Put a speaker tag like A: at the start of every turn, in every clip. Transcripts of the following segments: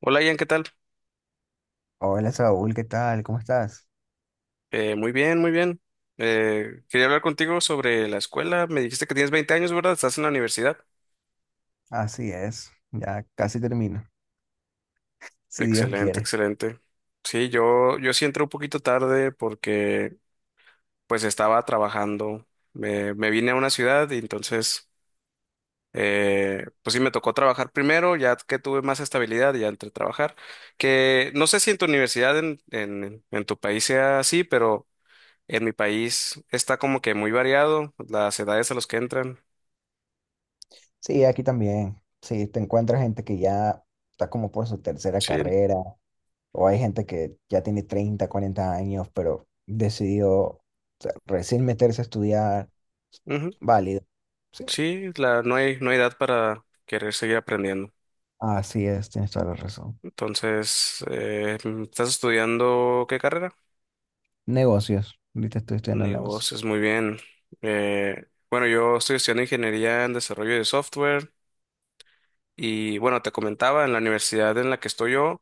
A: Hola Ian, ¿qué tal?
B: Hola Saúl, ¿qué tal? ¿Cómo estás?
A: Muy bien, muy bien. Quería hablar contigo sobre la escuela. Me dijiste que tienes 20 años, ¿verdad? Estás en la universidad.
B: Así es, ya casi termino, si Dios
A: Excelente,
B: quiere.
A: excelente. Sí, yo sí entré un poquito tarde porque pues estaba trabajando. Me vine a una ciudad y entonces pues sí me tocó trabajar primero, ya que tuve más estabilidad, ya entré a trabajar. Que no sé si en tu universidad, en tu país sea así, pero en mi país está como que muy variado las edades a las que entran.
B: Sí, aquí también. Sí, te encuentras gente que ya está como por su tercera
A: Sí,
B: carrera, o hay gente que ya tiene 30, 40 años, pero decidió o sea, recién meterse a estudiar,
A: ujú.
B: válido. Sí,
A: Sí, no hay edad para querer seguir aprendiendo.
B: así es, tienes toda la razón.
A: Entonces, ¿estás estudiando qué carrera?
B: Negocios, ahorita estoy estudiando negocios.
A: Negocios, muy bien. Eh, bueno, yo estoy estudiando ingeniería en desarrollo de software y bueno, te comentaba, en la universidad en la que estoy yo,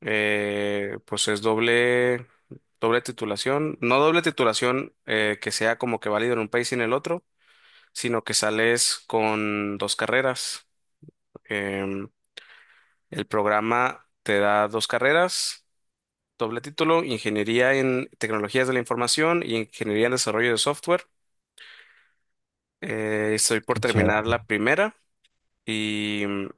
A: pues es doble titulación, no doble titulación que sea como que válido en un país y en el otro, sino que sales con dos carreras. Em, El programa te da dos carreras, doble título, Ingeniería en Tecnologías de la Información y Ingeniería en Desarrollo de Software. Estoy por
B: Qué chévere.
A: terminar la primera y mm,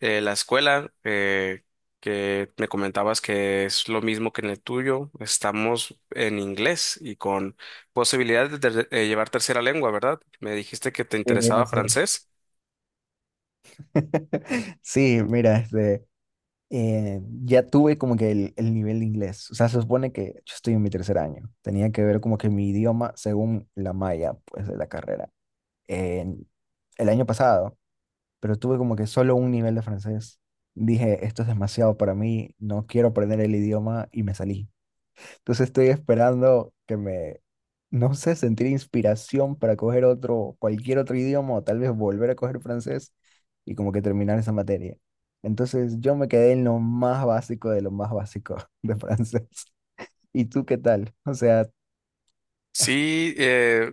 A: eh, la escuela, que me comentabas que es lo mismo que en el tuyo, estamos en inglés y con posibilidad de, llevar tercera lengua, ¿verdad? Me dijiste que te
B: Sí,
A: interesaba
B: así es.
A: francés.
B: Sí, mira, ya tuve como que el nivel de inglés. O sea, se supone que yo estoy en mi tercer año. Tenía que ver como que mi idioma según la malla, pues, de la carrera. En el año pasado, pero tuve como que solo un nivel de francés. Dije, esto es demasiado para mí, no quiero aprender el idioma y me salí. Entonces estoy esperando que me, no sé, sentir inspiración para coger otro, cualquier otro idioma o tal vez volver a coger francés y como que terminar esa materia. Entonces yo me quedé en lo más básico de lo más básico de francés. ¿Y tú qué tal? O sea,
A: Sí,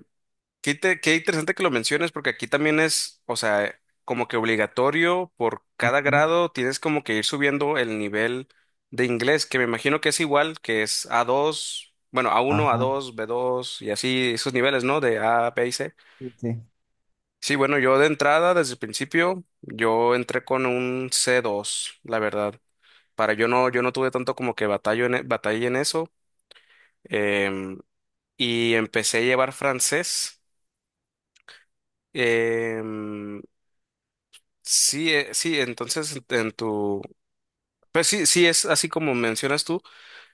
A: Qué interesante que lo menciones, porque aquí también es, o sea, como que obligatorio por cada
B: mm,
A: grado, tienes como que ir subiendo el nivel de inglés, que me imagino que es igual, que es a dos, bueno, a uno, a
B: ajá,
A: dos, b dos y así esos niveles, ¿no? De A, B y C.
B: sí, sí,
A: Sí, bueno, yo de entrada, desde el principio, yo entré con un c dos, la verdad. Para yo no tuve tanto como que batalla en eso. em, y empecé a llevar francés. em, sí, entonces en tu, pues sí, sí es así como mencionas tú,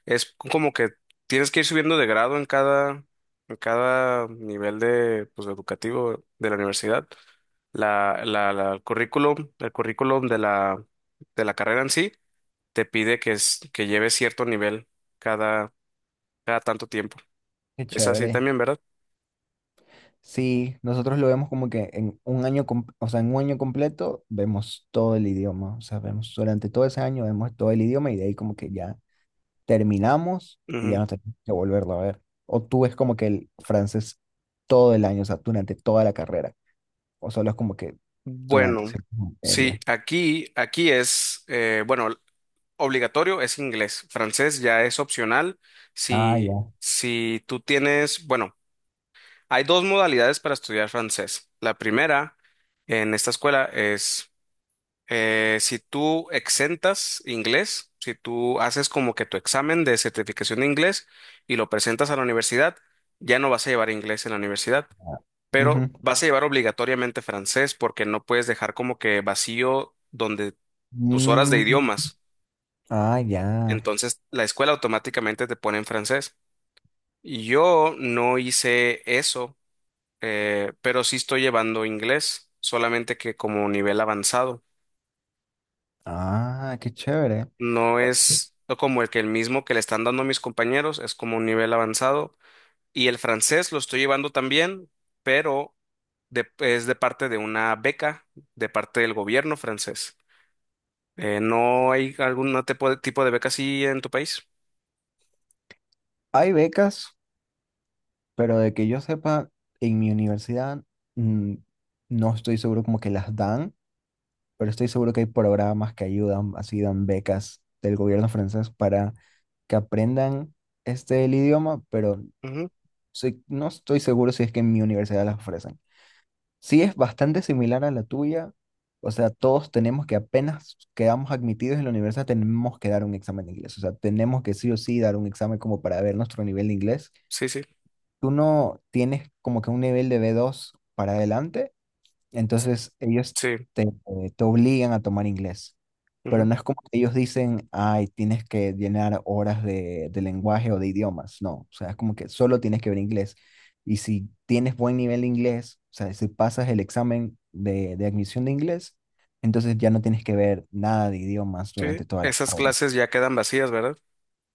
A: es como que tienes que ir subiendo de grado en cada nivel de, pues, educativo de la universidad. El el currículum de de la carrera en sí te pide que es, que lleves cierto nivel cada, cada tanto tiempo.
B: qué
A: Es así
B: chévere.
A: también, ¿verdad?
B: Sí, nosotros lo vemos como que en un año, o sea, en un año completo vemos todo el idioma, o sea, vemos durante todo ese año vemos todo el idioma y de ahí como que ya terminamos y ya
A: Ujú.
B: no tenemos que volverlo a ver. O tú ves como que el francés todo el año, o sea, durante toda la carrera, o solo es como que durante
A: Bueno,
B: cierta
A: sí,
B: materia.
A: aquí es, Obligatorio es inglés. Francés ya es opcional.
B: Ah, ya.
A: Si tú tienes, bueno, hay dos modalidades para estudiar francés. La primera en esta escuela es si tú exentas inglés, si tú haces como que tu examen de certificación de inglés y lo presentas a la universidad, ya no vas a llevar inglés en la universidad,
B: Ya. Ujú.
A: pero vas a llevar obligatoriamente francés porque no puedes dejar como que vacío donde tus horas de
B: Mm,
A: idiomas.
B: ah, ya.
A: Entonces, la escuela automáticamente te pone en francés. Yo no hice eso, pero sí estoy llevando inglés, solamente que como nivel avanzado.
B: Ah, qué chévere.
A: No
B: O-
A: es no como el que el mismo que le están dando a mis compañeros, es como un nivel avanzado. Y el francés lo estoy llevando también, pero es de parte de una beca, de parte del gobierno francés. ¿No hay algún tipo tipo de beca así en tu país?
B: Hay becas, pero de que yo sepa, en mi universidad mm, no estoy seguro como que las dan. Pero estoy seguro que hay programas que ayudan, así dan becas del gobierno francés para que aprendan este el idioma, pero
A: Ujú,
B: no estoy seguro si es que en mi universidad las ofrecen. Sí es bastante similar a la tuya, o sea, todos tenemos que apenas quedamos admitidos en la universidad, tenemos que dar un examen de inglés, o sea, tenemos que sí o sí dar un examen como para ver nuestro nivel de inglés.
A: sí, sí,
B: ¿Tú no tienes como que un nivel de B2 para adelante? Entonces ellos
A: sí.
B: te obligan a tomar inglés, pero
A: Ujú.
B: no es como que ellos dicen, ay, tienes que llenar horas de lenguaje o de idiomas, no, o sea, es como que solo tienes que ver inglés. Y si tienes buen nivel de inglés, o sea, si pasas el examen de admisión de inglés, entonces ya no tienes que ver nada de idiomas
A: Sí,
B: durante toda la
A: esas
B: carrera.
A: clases ya quedan vacías, ¿verdad?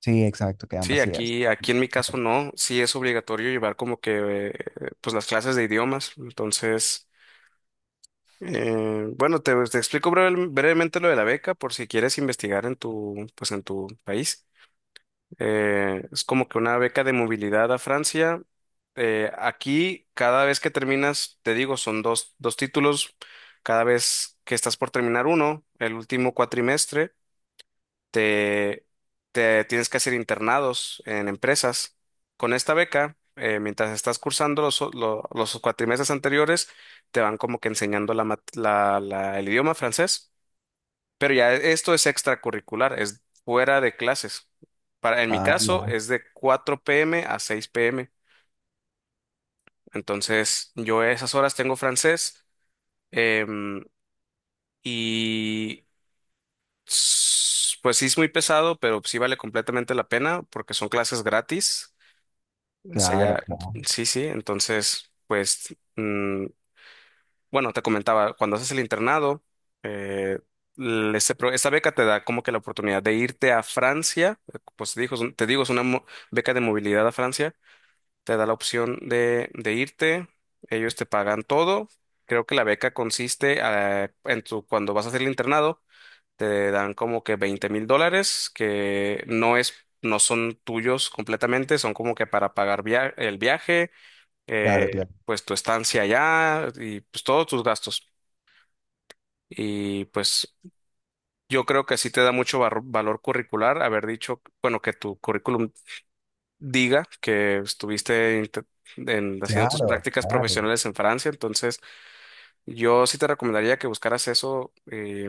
B: Sí, exacto, quedan
A: Sí,
B: vacías.
A: aquí en mi caso no, sí es obligatorio llevar como que, pues las clases de idiomas. Entonces, bueno, te, te explico brevemente lo de la beca por si quieres investigar en tu, pues en tu país. Es como que una beca de movilidad a Francia. Aquí, cada vez que terminas, te digo, son dos, dos títulos. Cada vez que estás por terminar uno, el último cuatrimestre. te, te tienes que hacer internados en empresas. Con esta beca, mientras estás cursando los cuatrimestres anteriores, te van como que enseñando la el idioma francés, pero ya esto es extracurricular, es fuera de clases. Para, en mi
B: Ah,
A: caso,
B: ya,
A: es de 4 p.m. a 6 p.m. Entonces, yo a esas horas tengo francés, em, y pues sí es muy pesado, pero sí vale completamente la pena porque son clases gratis. O sea,
B: claro,
A: ya,
B: claro,
A: sí, sí, entonces, bueno, te comentaba, cuando haces el internado, eh, este esta beca te da como que la oportunidad de irte a Francia, pues te digo, te digo, es una beca de movilidad a Francia, te da la opción de irte, ellos te pagan todo, creo que la beca consiste en tu, cuando vas a hacer el internado, te dan como que 20.000 dólares, que no es... No son tuyos completamente, son como que para pagar el viaje,
B: claro,
A: eh,
B: claro,
A: pues tu estancia allá y pues todos tus gastos. Y pues yo creo que sí te da mucho valor curricular haber dicho, bueno, que tu currículum diga que estuviste haciendo tus
B: claro,
A: prácticas
B: claro.
A: profesionales en Francia. Entonces, yo sí te recomendaría que buscaras eso,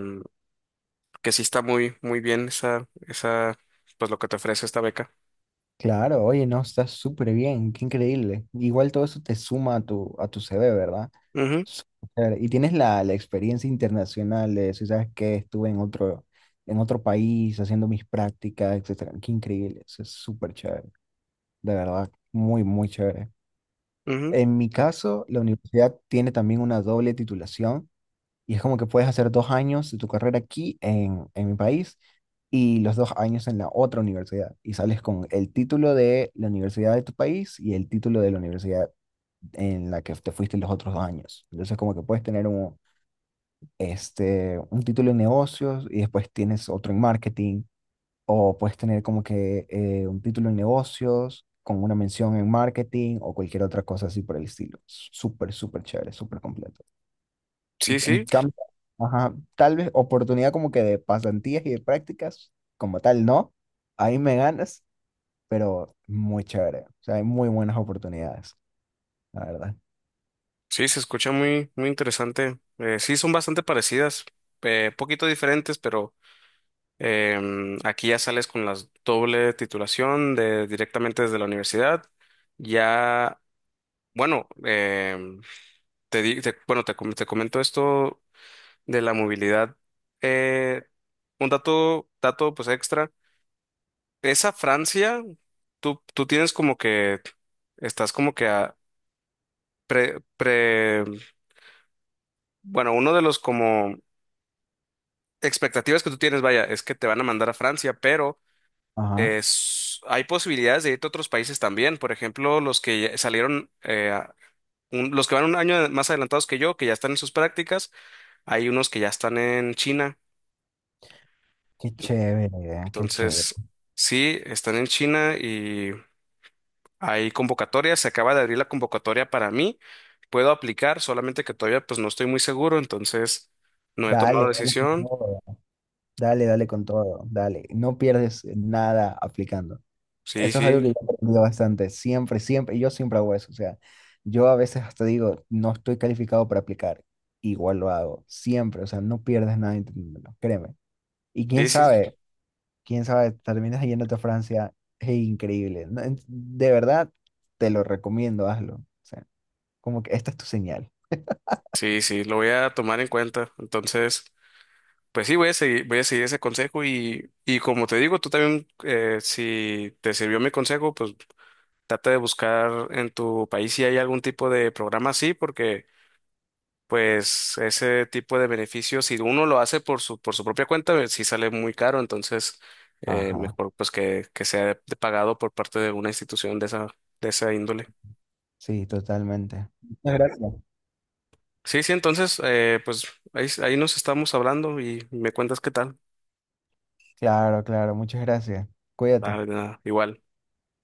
A: que sí está muy, muy bien pues lo que te ofrece esta beca.
B: Claro, oye, no, está súper bien, qué increíble. Igual todo eso te suma a tu CV, ¿verdad?
A: Ujú,
B: Súper. Y tienes la, la experiencia internacional de si sabes que estuve en otro país haciendo mis prácticas, etcétera. Qué increíble, eso es súper chévere, de verdad, muy, muy chévere.
A: ujú.
B: En mi caso, la universidad tiene también una doble titulación y es como que puedes hacer dos años de tu carrera aquí en mi país y los dos años en la otra universidad. Y sales con el título de la universidad de tu país y el título de la universidad en la que te fuiste los otros dos años. Entonces como que puedes tener este, un título en negocios y después tienes otro en marketing. O puedes tener como que un título en negocios con una mención en marketing o cualquier otra cosa así por el estilo. Súper, súper chévere, súper completo.
A: Sí,
B: En
A: sí,
B: cambio, ajá, tal vez oportunidad como que de pasantías y de prácticas, como tal, no. Ahí me ganas, pero muy chévere. O sea, hay muy buenas oportunidades, la verdad.
A: sí, se escucha muy, muy interesante. Sí, son bastante parecidas, poquito diferentes, pero... aquí ya sales con la doble titulación de directamente desde la universidad. Ya, bueno, em, te, di- te- bueno, te, com- te comento esto de la movilidad. Eh, un dato pues extra. Esa Francia, tú tienes como que, estás como que pre, pre, bueno, uno de los como expectativas que tú tienes, vaya, es que te van a mandar a Francia, pero...
B: Ajá.
A: Es, hay posibilidades de irte a otros países también. Por ejemplo, los que ya salieron, los que van un año más adelantados que yo, que ya están en sus prácticas, hay unos que ya están en China.
B: Qué chévere, qué chévere.
A: Entonces, sí, están en China y hay convocatorias. Se acaba de abrir la convocatoria para mí. Puedo aplicar, solamente que todavía pues no estoy muy seguro, entonces no he
B: Dale,
A: tomado
B: dale con
A: decisión.
B: todo. Dale, dale con todo. Dale. No pierdes nada aplicando.
A: Sí,
B: Eso es algo
A: sí,
B: que yo he aprendido bastante. Siempre, siempre. Yo siempre hago eso. O sea, yo a veces hasta digo, no estoy calificado para aplicar. Igual lo hago. Siempre. O sea, no pierdes nada intentándolo. Créeme. Y
A: sí, sí,
B: quién sabe, terminas yéndote a Francia. Es increíble. No, de verdad, te lo recomiendo, hazlo. O sea, como que esta es tu señal.
A: sí, sí, lo voy a tomar en cuenta. Entonces... pues sí, voy a seguir ese consejo y como te digo, tú también, si te sirvió mi consejo, pues trata de buscar en tu país si hay algún tipo de programa así, porque pues ese tipo de beneficios, si uno lo hace por su propia cuenta, sí sale muy caro, entonces
B: Ajá.
A: mejor pues que sea de pagado por parte de una institución de de esa índole.
B: Sí, totalmente. Muchas gracias.
A: Sí, sí, entonces pues ahí nos estamos hablando y me cuentas qué tal.
B: Claro, claro, muchas gracias.
A: Ah,
B: Cuídate.
A: de nada, igual.